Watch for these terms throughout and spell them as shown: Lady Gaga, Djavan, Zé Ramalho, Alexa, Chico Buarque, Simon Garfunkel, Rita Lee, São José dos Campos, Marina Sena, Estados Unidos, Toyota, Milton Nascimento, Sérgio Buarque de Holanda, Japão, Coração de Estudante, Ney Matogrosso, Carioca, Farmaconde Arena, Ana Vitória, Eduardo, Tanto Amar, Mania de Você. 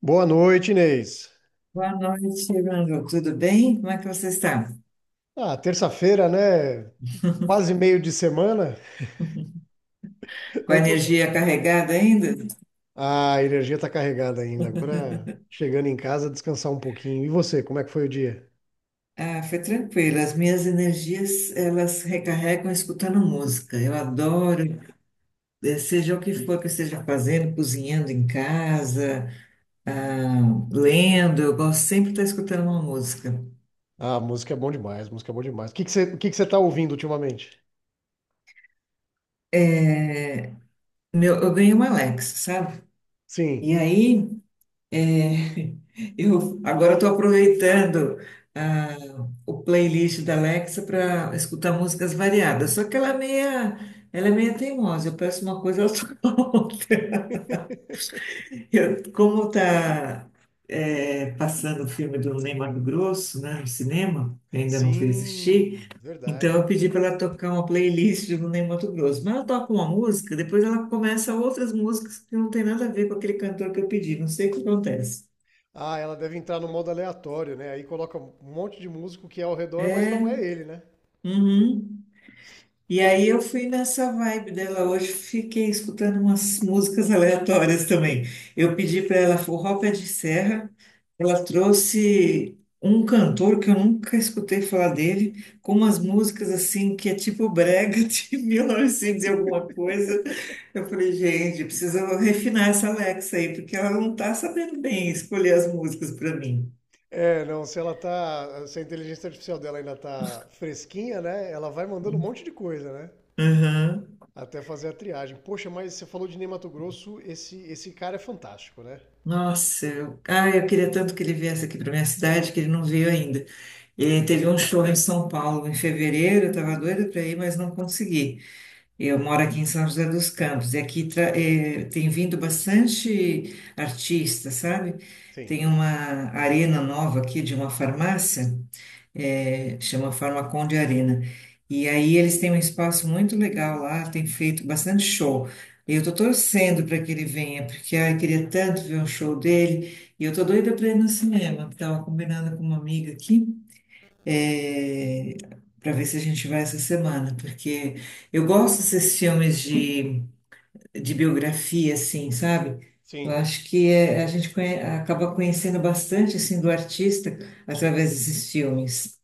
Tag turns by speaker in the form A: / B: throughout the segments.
A: Boa noite, Inês.
B: Boa noite, Manu. Tudo bem? Como é que você está?
A: Ah, terça-feira, né? Quase meio de semana.
B: Com a
A: Eu tô bem.
B: energia carregada ainda?
A: Ah, a energia tá carregada ainda. Agora chegando em casa, descansar um pouquinho. E você, como é que foi o dia?
B: Ah, foi tranquilo. As minhas energias, elas recarregam escutando música. Eu adoro, seja o que for que eu esteja fazendo, cozinhando em casa, ah, lendo, eu gosto sempre de estar escutando uma música.
A: Ah, música é bom demais, música é bom demais. O que que você tá ouvindo ultimamente?
B: É, meu, eu ganhei uma Alexa, sabe?
A: Sim.
B: E aí, É, eu agora estou aproveitando ah, o playlist da Alexa para escutar músicas variadas. Só que ela é meia teimosa. Eu peço uma coisa, ela toca outra. Como está passando o filme do Ney Matogrosso, né, no cinema, eu ainda não fui
A: Sim,
B: assistir, então
A: verdade.
B: eu pedi para ela tocar uma playlist do Ney Matogrosso. Mas ela toca uma música, depois ela começa outras músicas que não tem nada a ver com aquele cantor que eu pedi. Não sei o que acontece.
A: Ah, ela deve entrar no modo aleatório, né? Aí coloca um monte de músico que é ao redor, mas não é
B: É.
A: ele, né?
B: Uhum. E aí eu fui nessa vibe dela hoje, fiquei escutando umas músicas aleatórias também. Eu pedi para ela forró pé de serra, ela trouxe um cantor que eu nunca escutei falar dele, com umas músicas assim que é tipo brega de 1900 e alguma coisa. Eu falei, gente, precisa refinar essa Alexa aí, porque ela não tá sabendo bem escolher as músicas para mim.
A: É, não, se ela tá, se a inteligência artificial dela ainda tá fresquinha, né? Ela vai mandando um monte de coisa, né? Até fazer a triagem. Poxa, mas você falou de Ney Matogrosso, esse cara é fantástico, né?
B: Nossa, eu, ai, eu queria tanto que ele viesse aqui para minha cidade, que ele não veio ainda. Ele teve um show em São Paulo em fevereiro, eu estava doida para ir, mas não consegui. Eu moro aqui em São José dos Campos, e aqui tem vindo bastante artista, sabe?
A: Sim.
B: Tem uma arena nova aqui de uma farmácia chama Farmaconde Arena. E aí eles têm um espaço muito legal lá, tem feito bastante show. E eu tô torcendo para que ele venha, porque ai, eu queria tanto ver um show dele. E eu tô doida para ir no cinema. Tava combinando com uma amiga aqui, é, para ver se a gente vai essa semana, porque eu gosto desses filmes de biografia, assim, sabe? Eu
A: Sim.
B: acho que é- a gente conhe- acaba conhecendo bastante assim do artista através desses filmes.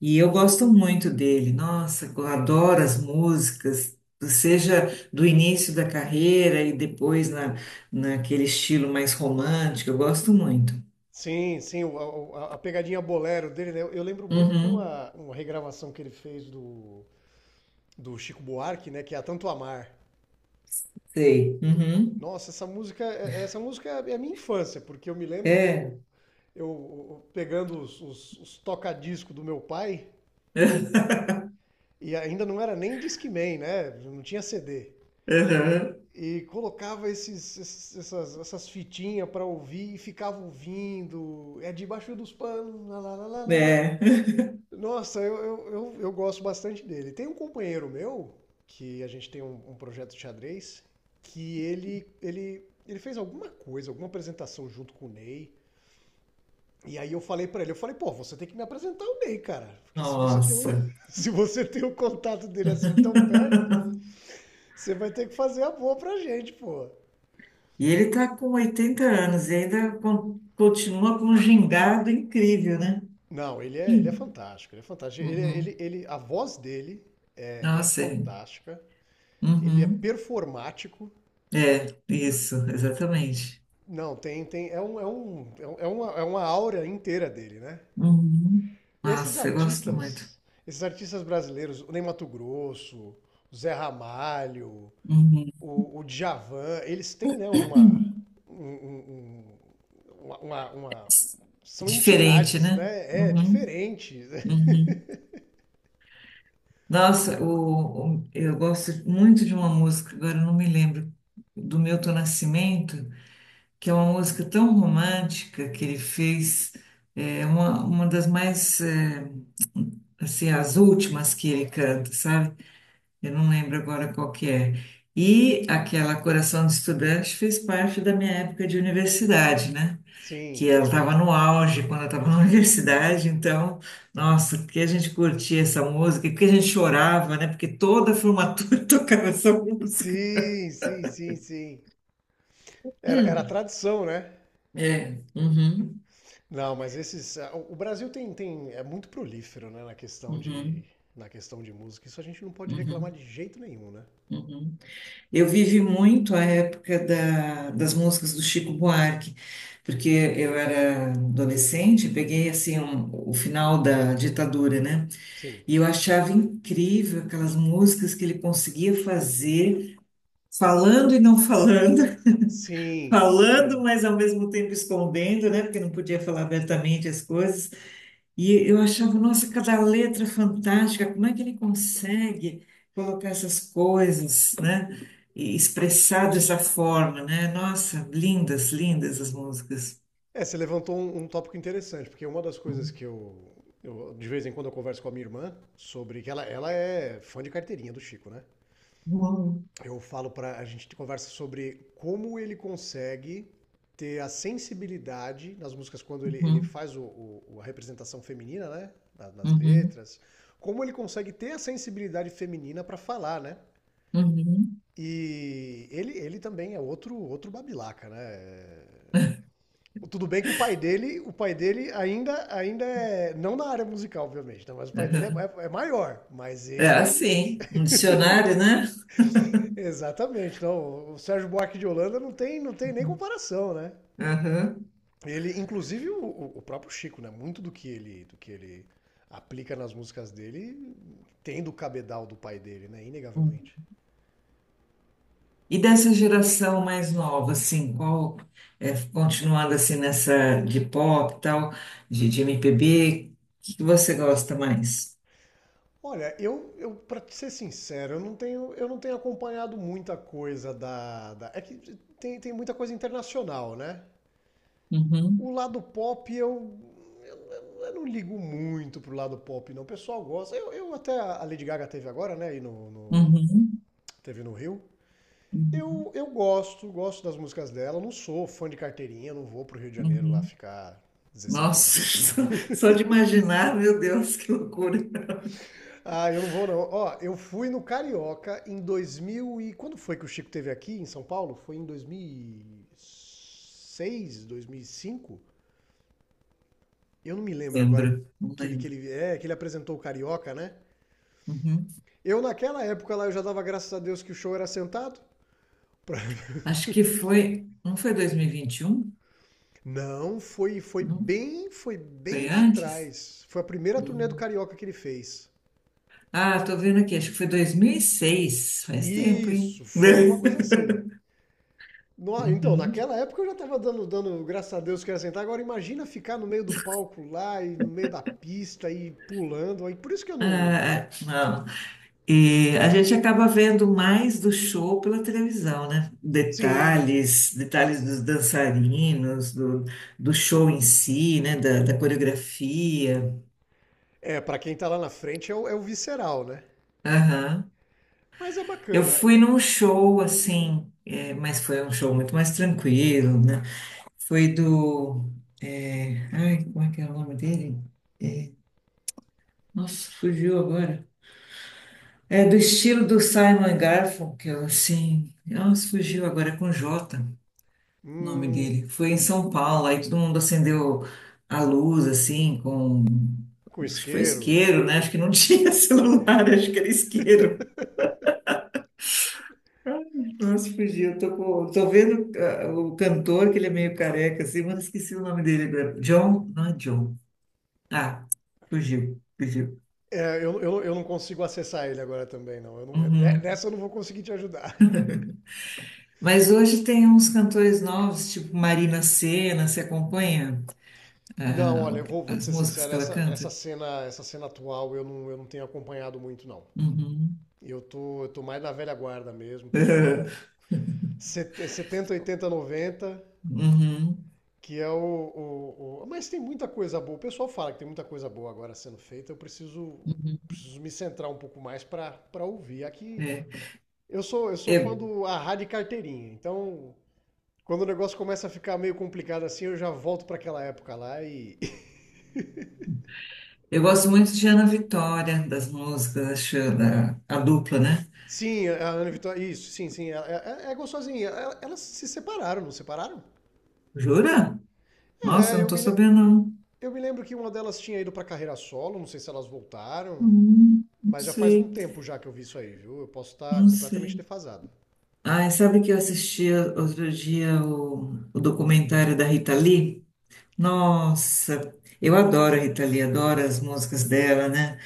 B: E eu gosto muito dele. Nossa, eu adoro as músicas, seja do início da carreira e depois naquele estilo mais romântico. Eu gosto muito.
A: Sim, sim, a pegadinha bolero dele, né? Eu lembro muito de
B: Uhum,
A: uma regravação que ele fez do Chico Buarque, né? Que é a Tanto Amar.
B: sei. Uhum,
A: Nossa, essa música, essa música é a minha infância, porque eu me lembro
B: é.
A: eu, eu pegando os toca-disco do meu pai. E ainda não era nem Discman, né? Não tinha CD.
B: Uhum,
A: E colocava essas fitinhas para ouvir e ficava ouvindo. É debaixo dos panos. Lá, lá, lá, lá, lá.
B: é.
A: Nossa, eu gosto bastante dele. Tem um companheiro meu, que a gente tem um projeto de xadrez, que ele fez alguma coisa, alguma apresentação junto com o Ney. E aí eu falei pra ele, eu falei, pô, você tem que me apresentar o Ney, cara. Porque se você tem o,
B: Nossa.
A: se você tem o contato dele assim tão perto, você vai ter que fazer a boa pra gente, pô.
B: E ele está com 80 anos e ainda con- continua com um gingado incrível, né?
A: Não, ele é fantástico, ele é fantástico.
B: Uhum.
A: A voz dele é
B: Nossa, é.
A: fantástica. Ele é
B: Uhum.
A: performático.
B: É, isso, exatamente.
A: Não, tem, tem, é um, é um, é um- é uma aura inteira dele, né?
B: Uhum.
A: Esses
B: Nossa, eu gosto muito.
A: artistas, esses artistas brasileiros, o Ney Matogrosso, o Zé Ramalho,
B: Uhum.
A: o Djavan, eles têm, né, uma, um- um- um, uma- São
B: Diferente,
A: entidades,
B: né?
A: né? É,
B: Uhum,
A: diferentes.
B: uhum. Nossa, eu gosto muito de uma música, agora eu não me lembro, do Milton Nascimento, que é uma música tão romântica que ele fez, é uma das mais, assim, as últimas que ele canta, sabe? Eu não lembro agora qual que é. E aquela Coração de Estudante fez parte da minha época de universidade, né? Que
A: Sim.
B: eu estava no auge quando eu estava na universidade, então, nossa, porque a gente curtia essa música, porque a gente chorava, né? Porque toda a formatura tocava essa música.
A: Sim, sim, sim, sim. Era a tradição, né?
B: É, uhum,
A: Não, mas esses. Ah, O o Brasil é muito prolífero, né, na questão de,
B: uhum,
A: na questão de música. Isso a gente não pode reclamar
B: uhum,
A: de jeito nenhum, né?
B: uhum. Eu vivi muito a época da- das músicas do Chico Buarque, porque eu era adolescente, peguei assim o final da ditadura, né?
A: Sim.
B: E eu achava incrível aquelas músicas que ele conseguia fazer falando e não falando,
A: Sim,
B: falando,
A: sim.
B: mas ao mesmo tempo escondendo, né? Porque não podia falar abertamente as coisas. E eu achava, nossa, cada letra fantástica, como é que ele consegue colocar essas coisas, né? E expressar dessa forma, né? Nossa, lindas, lindas as músicas.
A: É, você levantou um tópico interessante, porque uma das coisas que de vez em quando eu converso com a minha irmã sobre que ela é fã de carteirinha do Chico, né?
B: Uhum,
A: Eu falo pra a gente conversa sobre como ele consegue ter a sensibilidade nas músicas quando ele
B: uhum,
A: faz a representação feminina, né? Nas
B: uhum,
A: letras, como ele consegue ter a sensibilidade feminina pra falar, né?
B: uhum,
A: E ele também é outro babilaca, né? Tudo bem que o pai dele ainda é, não na área musical, obviamente, né? Mas o pai dele é,
B: uhum.
A: é- é maior, mas
B: É
A: ele,
B: assim, um dicionário, né?
A: exatamente, não, o Sérgio Buarque de Holanda não tem nem comparação, né?
B: Aham.
A: Ele, inclusive o próprio Chico, né? Muito do que ele aplica nas músicas dele tem do cabedal do pai dele, né? Inegavelmente.
B: E dessa geração mais nova, assim, continuando assim nessa de pop e tal, de MPB, o que que você gosta mais?
A: Olha, eu para ser sincero, eu não tenho acompanhado muita coisa é que tem muita coisa internacional, né?
B: Uhum,
A: O lado pop eu não ligo muito pro lado pop, não. O pessoal gosta. Eu até a Lady Gaga teve agora, né? Aí
B: uhum,
A: teve no Rio.
B: uhum,
A: Eu gosto das músicas dela. Não sou fã de carteirinha, não vou pro Rio de Janeiro lá
B: uhum.
A: ficar 16 horas.
B: Nossa,
A: Não.
B: só de imaginar, meu Deus, que loucura.
A: Ah, eu não vou não. Ó, eu fui no Carioca em 2000 e quando foi que o Chico teve aqui em São Paulo? Foi em 2006, cinco. Eu não me lembro agora,
B: Lembro, não
A: que ele que
B: lembro.
A: ele é, que ele apresentou o Carioca, né?
B: Uhum.
A: Eu naquela época lá eu já dava graças a Deus que o show era sentado. Pra-
B: Acho que foi, não foi dois mil e vinte e um?
A: Não, foi foi
B: Não,
A: bem, foi bem
B: foi
A: lá
B: antes?
A: atrás. Foi a primeira turnê do
B: Hum.
A: Carioca que ele fez.
B: Ah, tô vendo aqui, acho que foi 2006. Faz tempo, hein?
A: Isso, foi alguma coisa assim. Então,
B: Uhum.
A: naquela época eu já tava dando graças a Deus que era sentar. Agora imagina ficar no meio do palco lá e no meio da pista e pulando. Aí por isso que eu
B: É,
A: não.
B: é, não. E a gente acaba vendo mais do show pela televisão, né?
A: Sim.
B: Detalhes, detalhes dos dançarinos, do show em si, né? Da coreografia.
A: É, pra quem tá lá na frente é o visceral, né?
B: Aham.
A: Mas é
B: Eu
A: bacana.
B: fui num show assim, mas foi um show muito mais tranquilo, né? Foi do. Ai, como é que é o nome dele? Nossa, fugiu agora. É do estilo do Simon Garfunkel, assim. Nossa, fugiu agora é com Jota. O nome
A: Hum,
B: dele. Foi em São Paulo, aí todo mundo acendeu a luz, assim, com.
A: com
B: Acho que foi
A: isqueiro.
B: isqueiro, né? Acho que não tinha celular, acho que era isqueiro. Ai, nossa, fugi. Eu tô vendo o cantor, que ele é meio careca, assim, mas esqueci o nome dele agora. John? Não é John. Ah, fugiu, fugiu.
A: É, eu não consigo acessar ele agora também, não. Eu não- ne-
B: Uhum.
A: Nessa eu não vou conseguir te ajudar.
B: Mas hoje tem uns cantores novos, tipo Marina Sena, você acompanha
A: Não, olha,
B: ah,
A: eu vou te
B: as
A: ser
B: músicas
A: sincero,
B: que ela
A: essa, essa
B: canta?
A: cena, essa cena atual eu não tenho acompanhado muito, não.
B: Uhum.
A: Eu tô mais na velha guarda mesmo, pessoal. 70, 80, 90.
B: Uhum.
A: Que é o- Mas tem muita coisa boa. O pessoal fala que tem muita coisa boa agora sendo feita. Eu preciso,
B: Uhum.
A: preciso me centrar um pouco mais pra ouvir. Aqui
B: É.
A: eu sou fã
B: Eu,
A: do a rádio carteirinha, então quando o negócio começa a ficar meio complicado assim, eu já volto pra aquela época lá e.
B: eu gosto muito de Ana Vitória, das músicas, acho, a dupla, né?
A: Sim, a Ana Vitória. Isso, sim, sim. É gostosinha. Elas se separaram, não separaram?
B: Jura? Nossa, eu
A: É,
B: não
A: eu
B: tô
A: me, le-
B: sabendo, não.
A: eu me lembro que uma delas tinha ido pra carreira solo, não sei se elas voltaram.
B: Não
A: Mas já faz
B: sei,
A: um tempo já que eu vi isso aí, viu? Eu posso estar
B: não
A: completamente
B: sei.
A: defasado.
B: Ah, sabe que eu assisti outro dia o documentário da Rita Lee? Nossa, eu adoro a Rita Lee, adoro as músicas dela, né?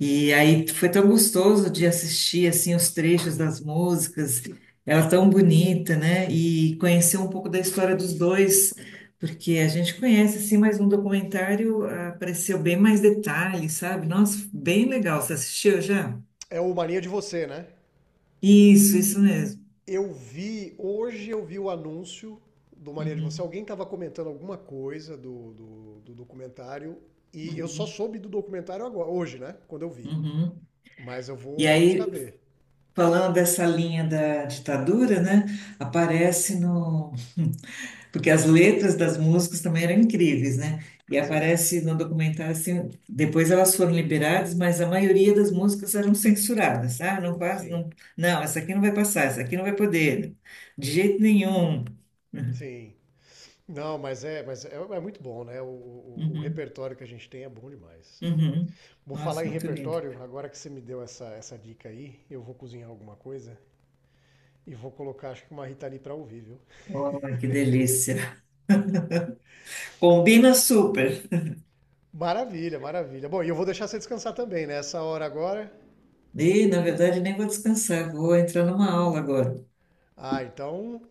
B: E aí foi tão gostoso de assistir assim os trechos das músicas, ela é tão bonita, né? E conhecer um pouco da história dos dois, porque a gente conhece assim, mas no documentário apareceu bem mais detalhes, sabe? Nossa, bem legal. Você assistiu já?
A: É o Mania de Você, né?
B: Isso mesmo.
A: Hoje eu vi o anúncio do Mania de Você.
B: Uhum,
A: Alguém estava comentando alguma coisa do documentário e eu só
B: uhum,
A: soube do documentário agora, hoje, né? Quando eu vi.
B: uhum.
A: Mas eu
B: E
A: vou, vou buscar
B: aí,
A: ver.
B: falando dessa linha da ditadura, né? Aparece no Porque as letras das músicas também eram incríveis, né? E
A: Sim,
B: aparece no documentário assim, depois elas foram liberadas, mas a maioria das músicas eram censuradas. Ah, não passa,
A: sim,
B: não, não, essa aqui não vai passar, essa aqui não vai poder, de jeito nenhum. Uhum,
A: sim. Não, é muito bom, né? O
B: uhum.
A: repertório que a gente tem é bom demais.
B: Uhum.
A: Vou falar
B: Nossa,
A: em
B: muito lindo.
A: repertório, agora que você me deu essa dica aí, eu vou cozinhar alguma coisa e vou colocar, acho que uma Rita Lee pra ouvir, viu?
B: Oh, que delícia. Combina super.
A: Maravilha, maravilha. Bom, e eu vou deixar você descansar também, né? Essa hora agora.
B: E, na verdade, nem vou descansar, vou entrar numa aula agora.
A: Ah, então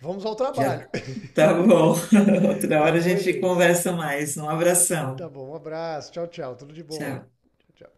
A: vamos ao
B: Já
A: trabalho.
B: tá bom. Outra
A: Tá
B: hora a
A: bom,
B: gente
A: Inês?
B: conversa mais. Um
A: Tá
B: abração.
A: bom, um abraço. Tchau, tchau. Tudo de bom.
B: Tchau.
A: Tchau, tchau.